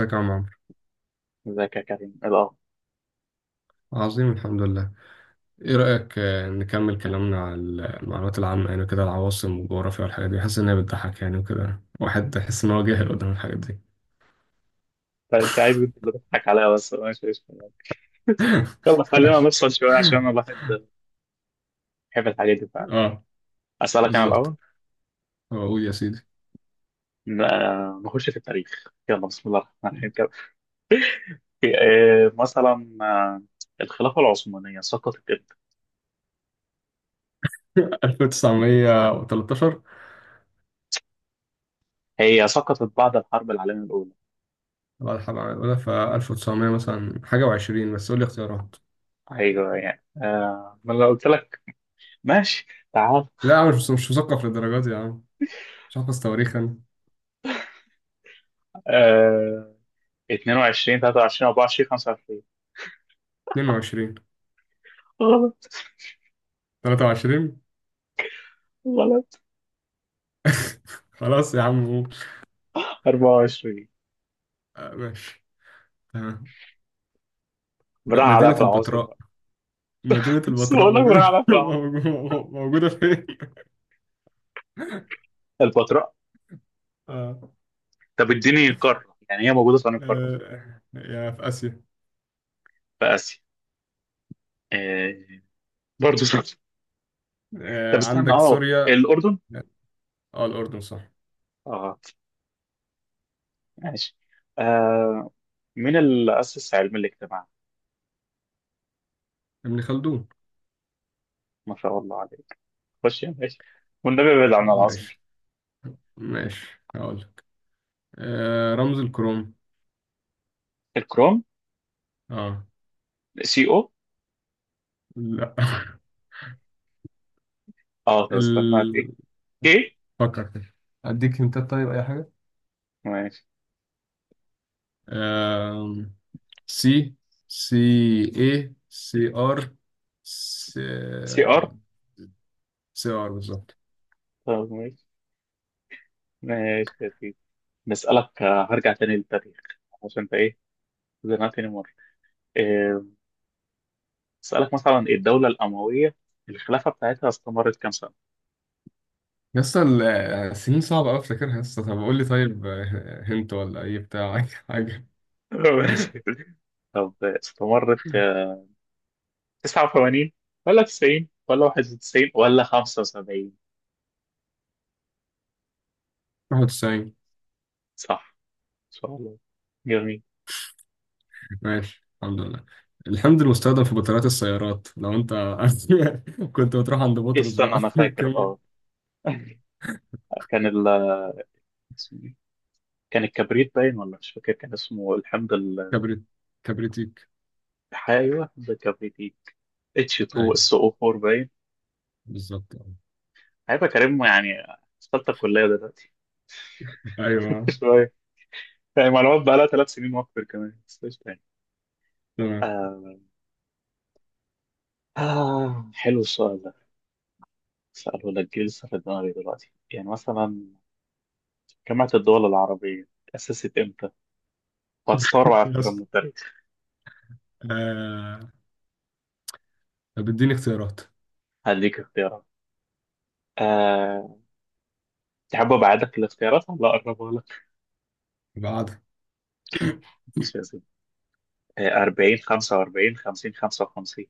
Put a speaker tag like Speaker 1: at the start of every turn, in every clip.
Speaker 1: ازيك يا عم عمرو؟
Speaker 2: ازيك يا كريم؟ إيه الاخبار؟
Speaker 1: عظيم، الحمد لله. ايه رأيك نكمل كلامنا على المعلومات العامة؟ يعني كده العواصم والجغرافيا والحاجات دي، حاسس انها بتضحك يعني، وكده واحد يحس ان هو جاهل قدام الحاجات دي.
Speaker 2: طيب، انت عايز انت اللي تضحك عليا بس انا مش عايز. يلا خلينا
Speaker 1: ماشي.
Speaker 2: نفصل شويه عشان انا الواحد بيحب الحاجات دي فعلا.
Speaker 1: اه،
Speaker 2: اسالك انا
Speaker 1: بالظبط.
Speaker 2: الاول.
Speaker 1: اقول يا سيدي.
Speaker 2: نخش في التاريخ، يلا بسم الله الرحمن الرحيم كده. إيه، مثلا آه، الخلافه العثمانيه سقطت امتى؟
Speaker 1: 1913.
Speaker 2: هي سقطت بعد الحرب العالميه الاولى.
Speaker 1: بعد حرب العالمية الأولى، ف 1900 مثلا حاجة وعشرين، بس قول لي اختيارات.
Speaker 2: ايوه ما انا قلت لك. ماشي، تعال.
Speaker 1: لا يا عم، مش مثقف للدرجات دي يا عم. مش حافظ تواريخ أنا.
Speaker 2: آه، 22 23 24 25.
Speaker 1: 22.
Speaker 2: غلط.
Speaker 1: 23.
Speaker 2: غلط.
Speaker 1: خلاص يا عم قول.
Speaker 2: 24.
Speaker 1: ماشي.
Speaker 2: براح عليك
Speaker 1: مدينة
Speaker 2: العواصم.
Speaker 1: البتراء. مدينة
Speaker 2: بس
Speaker 1: البتراء
Speaker 2: بقول لك،
Speaker 1: موجودة،
Speaker 2: بنعرف أهو.
Speaker 1: موجودة. موجودة فين؟
Speaker 2: البتراء.
Speaker 1: آه.
Speaker 2: طب اديني قارة، يعني هي موجودة في أنهي قارة؟
Speaker 1: آه. يا في آسيا.
Speaker 2: في آسيا. إيه، برضه صح. طب
Speaker 1: آه.
Speaker 2: استنى،
Speaker 1: عندك
Speaker 2: اه
Speaker 1: سوريا.
Speaker 2: الأردن.
Speaker 1: اه. الأردن صح.
Speaker 2: اه ماشي. آه مين اللي أسس علم الاجتماع؟
Speaker 1: ابن خلدون.
Speaker 2: ما شاء الله عليك، خش يا باشا. والنبي ابعد عن العاصمة.
Speaker 1: ماشي، ماشي هقول لك. آه. رمز الكروم.
Speaker 2: الكروم.
Speaker 1: اه.
Speaker 2: سي او.
Speaker 1: لا.
Speaker 2: اه طب استنى.
Speaker 1: ال...
Speaker 2: كي.
Speaker 1: فكر كده. أديك هنتات طيب أي حاجة.
Speaker 2: ماشي.
Speaker 1: آه. سي. سي. اي سي ار. سي.
Speaker 2: سي ار.
Speaker 1: سي ار بالظبط.
Speaker 2: طب ماشي. ماشي يا سيدي. نسألك، هرجع تاني للتاريخ عشان انت ايه زنقتني مرة. آه، اسالك مثلا، ايه الدوله الامويه الخلافه بتاعتها استمرت كام سنه؟
Speaker 1: يسطا، السنين صعبة أوي أفتكرها يسطا. طب قول لي طيب هنت ولا أي بتاع؟ أي حاجة.
Speaker 2: ماشي. طب استمرت، 89 ولا 90 ولا 91 ولا 75؟
Speaker 1: 91.
Speaker 2: صح، ان شاء الله، جميل.
Speaker 1: ماشي الحمد لله. الحمض المستخدم في بطاريات السيارات، لو أنت كنت بتروح عند بطرس
Speaker 2: استنى
Speaker 1: بقى
Speaker 2: انا
Speaker 1: في
Speaker 2: فاكر
Speaker 1: الكيمياء.
Speaker 2: اه. كان ال اسمه إيه؟ كان الكبريت باين، ولا مش فاكر كان اسمه
Speaker 1: كبريت. كبريتيك.
Speaker 2: ايوه حمض الكبريت، ايه اتش 2
Speaker 1: أيوه
Speaker 2: اس او 4 باين.
Speaker 1: بالظبط.
Speaker 2: هيبقى كريم يعني في ثالثه كليه دلوقتي.
Speaker 1: أيوه
Speaker 2: شويه يعني معلومات بقى لها ثلاث سنين واكتر كمان، بس إيش تاني؟
Speaker 1: تمام.
Speaker 2: آه، آه حلو السؤال ده، سأله لك جه لسه في دماغي دلوقتي. يعني مثلا جامعة الدول العربية تأسست إمتى؟ وهتستغرب على فكرة من
Speaker 1: يسطا،
Speaker 2: التاريخ.
Speaker 1: آه، طب اديني اختيارات
Speaker 2: هديك اختيارات. آه، تحب أبعدك الاختيارات ولا أقربها لك؟
Speaker 1: بعد.
Speaker 2: مش لازم. 40 45 50 55.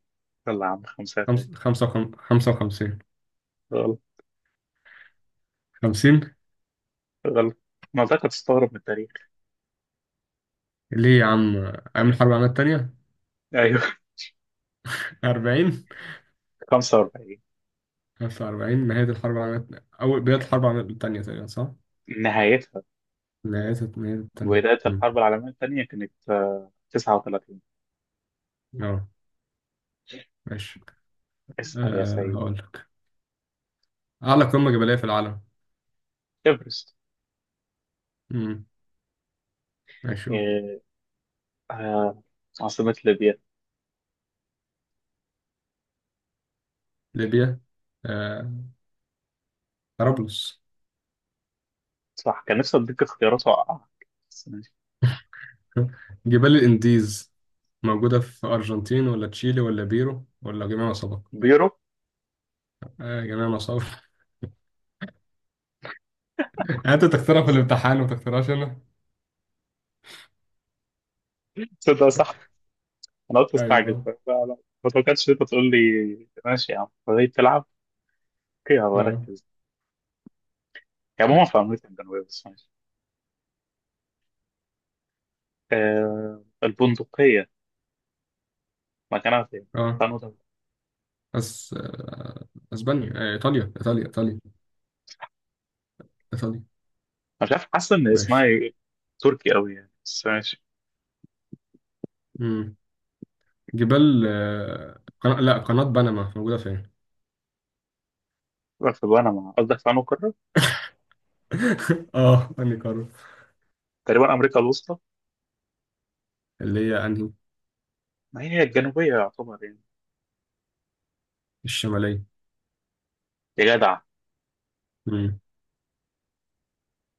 Speaker 2: يلا يا عم، خمسة تاني.
Speaker 1: خمسة، خمسة وخمسين.
Speaker 2: غلط.
Speaker 1: خمسين.
Speaker 2: غلط. ما أنت تستغرب من التاريخ.
Speaker 1: ليه يا عم؟ أيام الحرب العالمية التانية.
Speaker 2: أيوه.
Speaker 1: أربعين.
Speaker 2: 45.
Speaker 1: 1940 نهاية الحرب العالمية أول، بداية الحرب العالمية التانية تقريبا، صح؟
Speaker 2: نهايتها.
Speaker 1: نهاية التانية.
Speaker 2: بداية
Speaker 1: مم.
Speaker 2: الحرب العالمية الثانية كانت آه 39.
Speaker 1: أه. ماشي.
Speaker 2: اسأل يا
Speaker 1: أه
Speaker 2: سيد.
Speaker 1: هقول لك. أعلى قمة جبلية في العالم.
Speaker 2: إيفرست.
Speaker 1: مم. ماشي قول.
Speaker 2: آه، آه، عاصمة ليبيا.
Speaker 1: ليبيا. أه. طرابلس.
Speaker 2: صح، كان نفسي أديك اختيارات وأوقعك، بس ماشي.
Speaker 1: جبال الإنديز موجودة في أرجنتين ولا تشيلي ولا بيرو ولا جميع ما سبق؟
Speaker 2: بيرو.
Speaker 1: أه جميع ما سبق. أنت تختارها في الامتحان وما تختارهاش أنا.
Speaker 2: تصدق صح، أنا قلت استعجل
Speaker 1: أيوه.
Speaker 2: لا لا. ما توقعتش إن أنت تقول لي ماشي يا عم، فهي بتلعب. أوكي
Speaker 1: أه.
Speaker 2: هبركز. يعني عموما في أمريكا الجنوبية، بس ماشي. البندقية مكانها فين؟
Speaker 1: أه.
Speaker 2: استنوا طب.
Speaker 1: بس أه. أسبانيا. إيطاليا، إيطاليا، إيطاليا، إيطاليا.
Speaker 2: مش عارف، حاسس إن اسمها
Speaker 1: ماشي.
Speaker 2: ي- تركي أوي يعني، بس ماشي.
Speaker 1: مم. لا، قناة بنما موجودة فين؟
Speaker 2: في بنما، قصدك في أنهي قارة؟
Speaker 1: اه انهي قارة.
Speaker 2: تقريبا أمريكا الوسطى.
Speaker 1: اللي هي انهي؟
Speaker 2: ما هي الجنوبية يعتبر يعني.
Speaker 1: الشمالية.
Speaker 2: يا جدع.
Speaker 1: مم.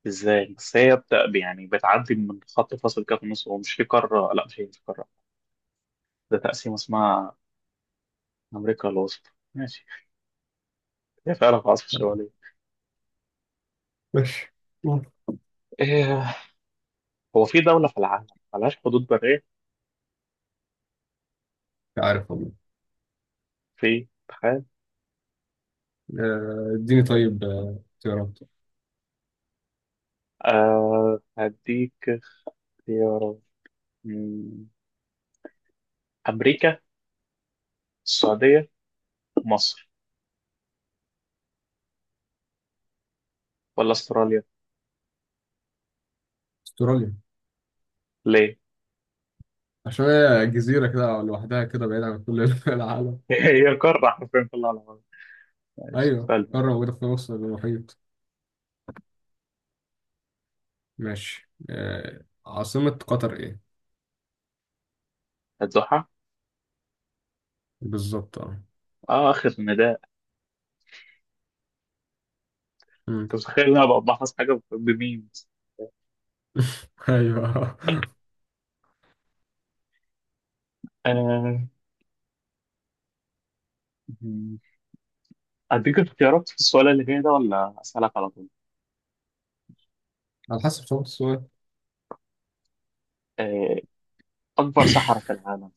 Speaker 2: ازاي بس؟ يعني بتعدي من خط فاصل كده في النص، ومش في قاره، لا مش هي مش قاره، ده تقسيم اسمها امريكا الوسطى. ماشي، هي فعلا في العاصمه الشماليه.
Speaker 1: ماشي. مم. مش
Speaker 2: إيه... هو في دوله في العالم ملهاش حدود بريه؟
Speaker 1: عارف والله.
Speaker 2: في، تخيل.
Speaker 1: اديني طيب اختيارات.
Speaker 2: هديك اختيارات. مم، امريكا، السعوديه، مصر، ولا استراليا؟
Speaker 1: استراليا.
Speaker 2: ليه؟
Speaker 1: عشان هي جزيرة كده لوحدها كده، بعيد عن كل العالم.
Speaker 2: هي قاره حرفيا في العالم. ماشي
Speaker 1: ايوه،
Speaker 2: سالفه.
Speaker 1: قارة موجودة في نص المحيط. ماشي. عاصمة قطر ايه؟
Speaker 2: هتزحها.
Speaker 1: بالظبط اه.
Speaker 2: اه اخر نداء.
Speaker 1: مم.
Speaker 2: انت متخيل ان انا ببحث حاجه بمين؟
Speaker 1: ايوه.
Speaker 2: آه. أديك اختيارات في السؤال اللي جاي ده، ولا أسألك على طول؟
Speaker 1: على حسب صعوبة السؤال.
Speaker 2: آه، أكبر صحراء في العالم: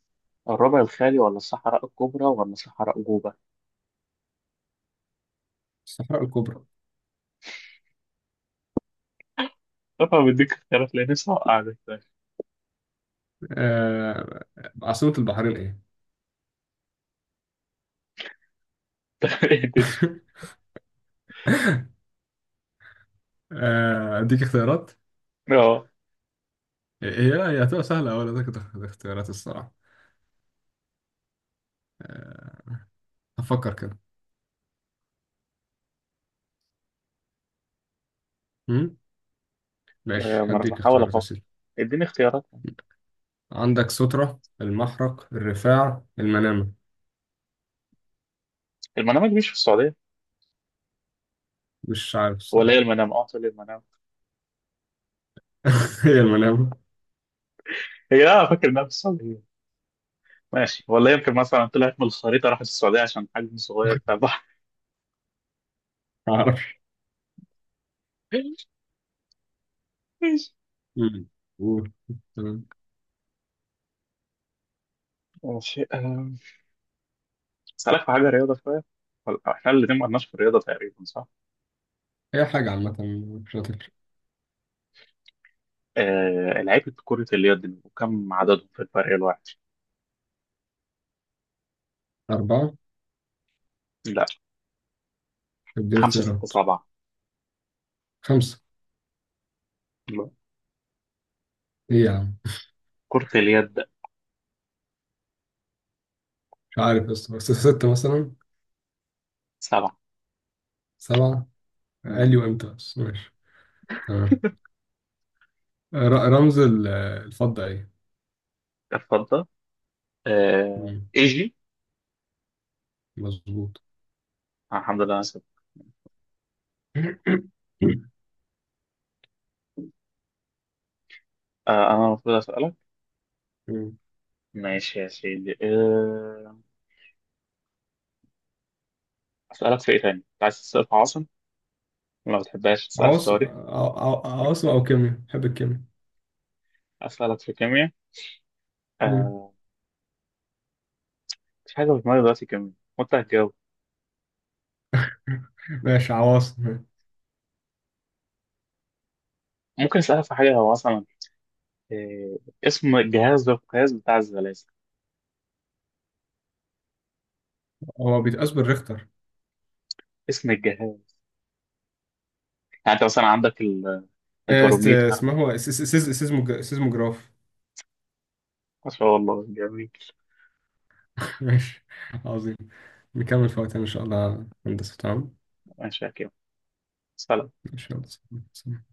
Speaker 2: الربع الخالي ولا الصحراء الكبرى ولا صحراء جوبا؟
Speaker 1: الصحراء الكبرى.
Speaker 2: طبعا بديك اختيارات لأن لسه وقعت.
Speaker 1: آه، عاصمة البحرين ايه؟ اديك اختيارات.
Speaker 2: أه.
Speaker 1: هي هتبقى سهله. اول اديك اختيارات الصراحه. آه، هفكر كده. مم؟
Speaker 2: آه،
Speaker 1: ماشي
Speaker 2: ما أنا
Speaker 1: هديك
Speaker 2: بحاول
Speaker 1: اختيارات يا
Speaker 2: أفكر،
Speaker 1: سيدي.
Speaker 2: اديني اختيارات.
Speaker 1: عندك سترة، المحرق، الرفاع، المنامه.
Speaker 2: المنامة دي مش في السعودية؟
Speaker 1: مش عارف
Speaker 2: ولا
Speaker 1: الصراحه.
Speaker 2: هي المنامة؟ أه طلع المنامة.
Speaker 1: هي المنامه.
Speaker 2: هي لا، أنا فاكر إنها في السعودية. ماشي، ولا يمكن مثلا طلعت من الخريطة راحت السعودية عشان حجم صغير بتاع البحر.
Speaker 1: ما اعرفش.
Speaker 2: ماشي.
Speaker 1: مم. قول. تمام.
Speaker 2: ماشي، أسألك في حاجة رياضة شوية. إحنا الاتنين ما قلناش في الرياضة تقريبا، صح؟
Speaker 1: هي حاجه عامه مش هتفرق.
Speaker 2: آه، لعيبة كرة اليد وكم عددهم في الفريق الواحد؟
Speaker 1: اربعه.
Speaker 2: لا.
Speaker 1: اديني
Speaker 2: خمسة، ستة،
Speaker 1: اختيارات.
Speaker 2: سبعة.
Speaker 1: خمسه.
Speaker 2: لا.
Speaker 1: ايه يا عم؟
Speaker 2: كرة اليد.
Speaker 1: مش عارف، بس سته مثلا.
Speaker 2: سبعة.
Speaker 1: سبعه. قال لي
Speaker 2: مم.
Speaker 1: وامتى بس ماشي. تمام. رمز الفضه ايه؟
Speaker 2: اتفضل. آه،
Speaker 1: مم.
Speaker 2: ايجي.
Speaker 1: مظبوط.
Speaker 2: الحمد لله انا سبت. انا المفروض اسألك.
Speaker 1: مم.
Speaker 2: ماشي يا سيدي، اسألك في ايه تاني؟ أنت عايز تسأل في عاصم؟ ما بتحبهاش، تسألك في
Speaker 1: عواصم،
Speaker 2: تاريخ؟
Speaker 1: عواصم او كيمياء. بحب الكيمياء.
Speaker 2: اسألك في كيمياء.
Speaker 1: مم.
Speaker 2: آه، مفيش حاجة في دماغي دلوقتي كيمياء وانت هتجاوب.
Speaker 1: ماشي. عواصم.
Speaker 2: ممكن اسألك في حاجة، هو مثلا، آه، اسم الجهاز ده القياس بتاع الزلازل؟
Speaker 1: هو بيتقاس بالريختر.
Speaker 2: اسم الجهاز، يعني انت مثلا عندك الباروميتر.
Speaker 1: اسمه هو سيزموجراف.
Speaker 2: ما شاء الله، جميل.
Speaker 1: ماشي. عظيم. نكمل في وقتنا ان شاء الله هندسة، تمام.
Speaker 2: ماشي يا كريم، سلام.
Speaker 1: ان شاء الله.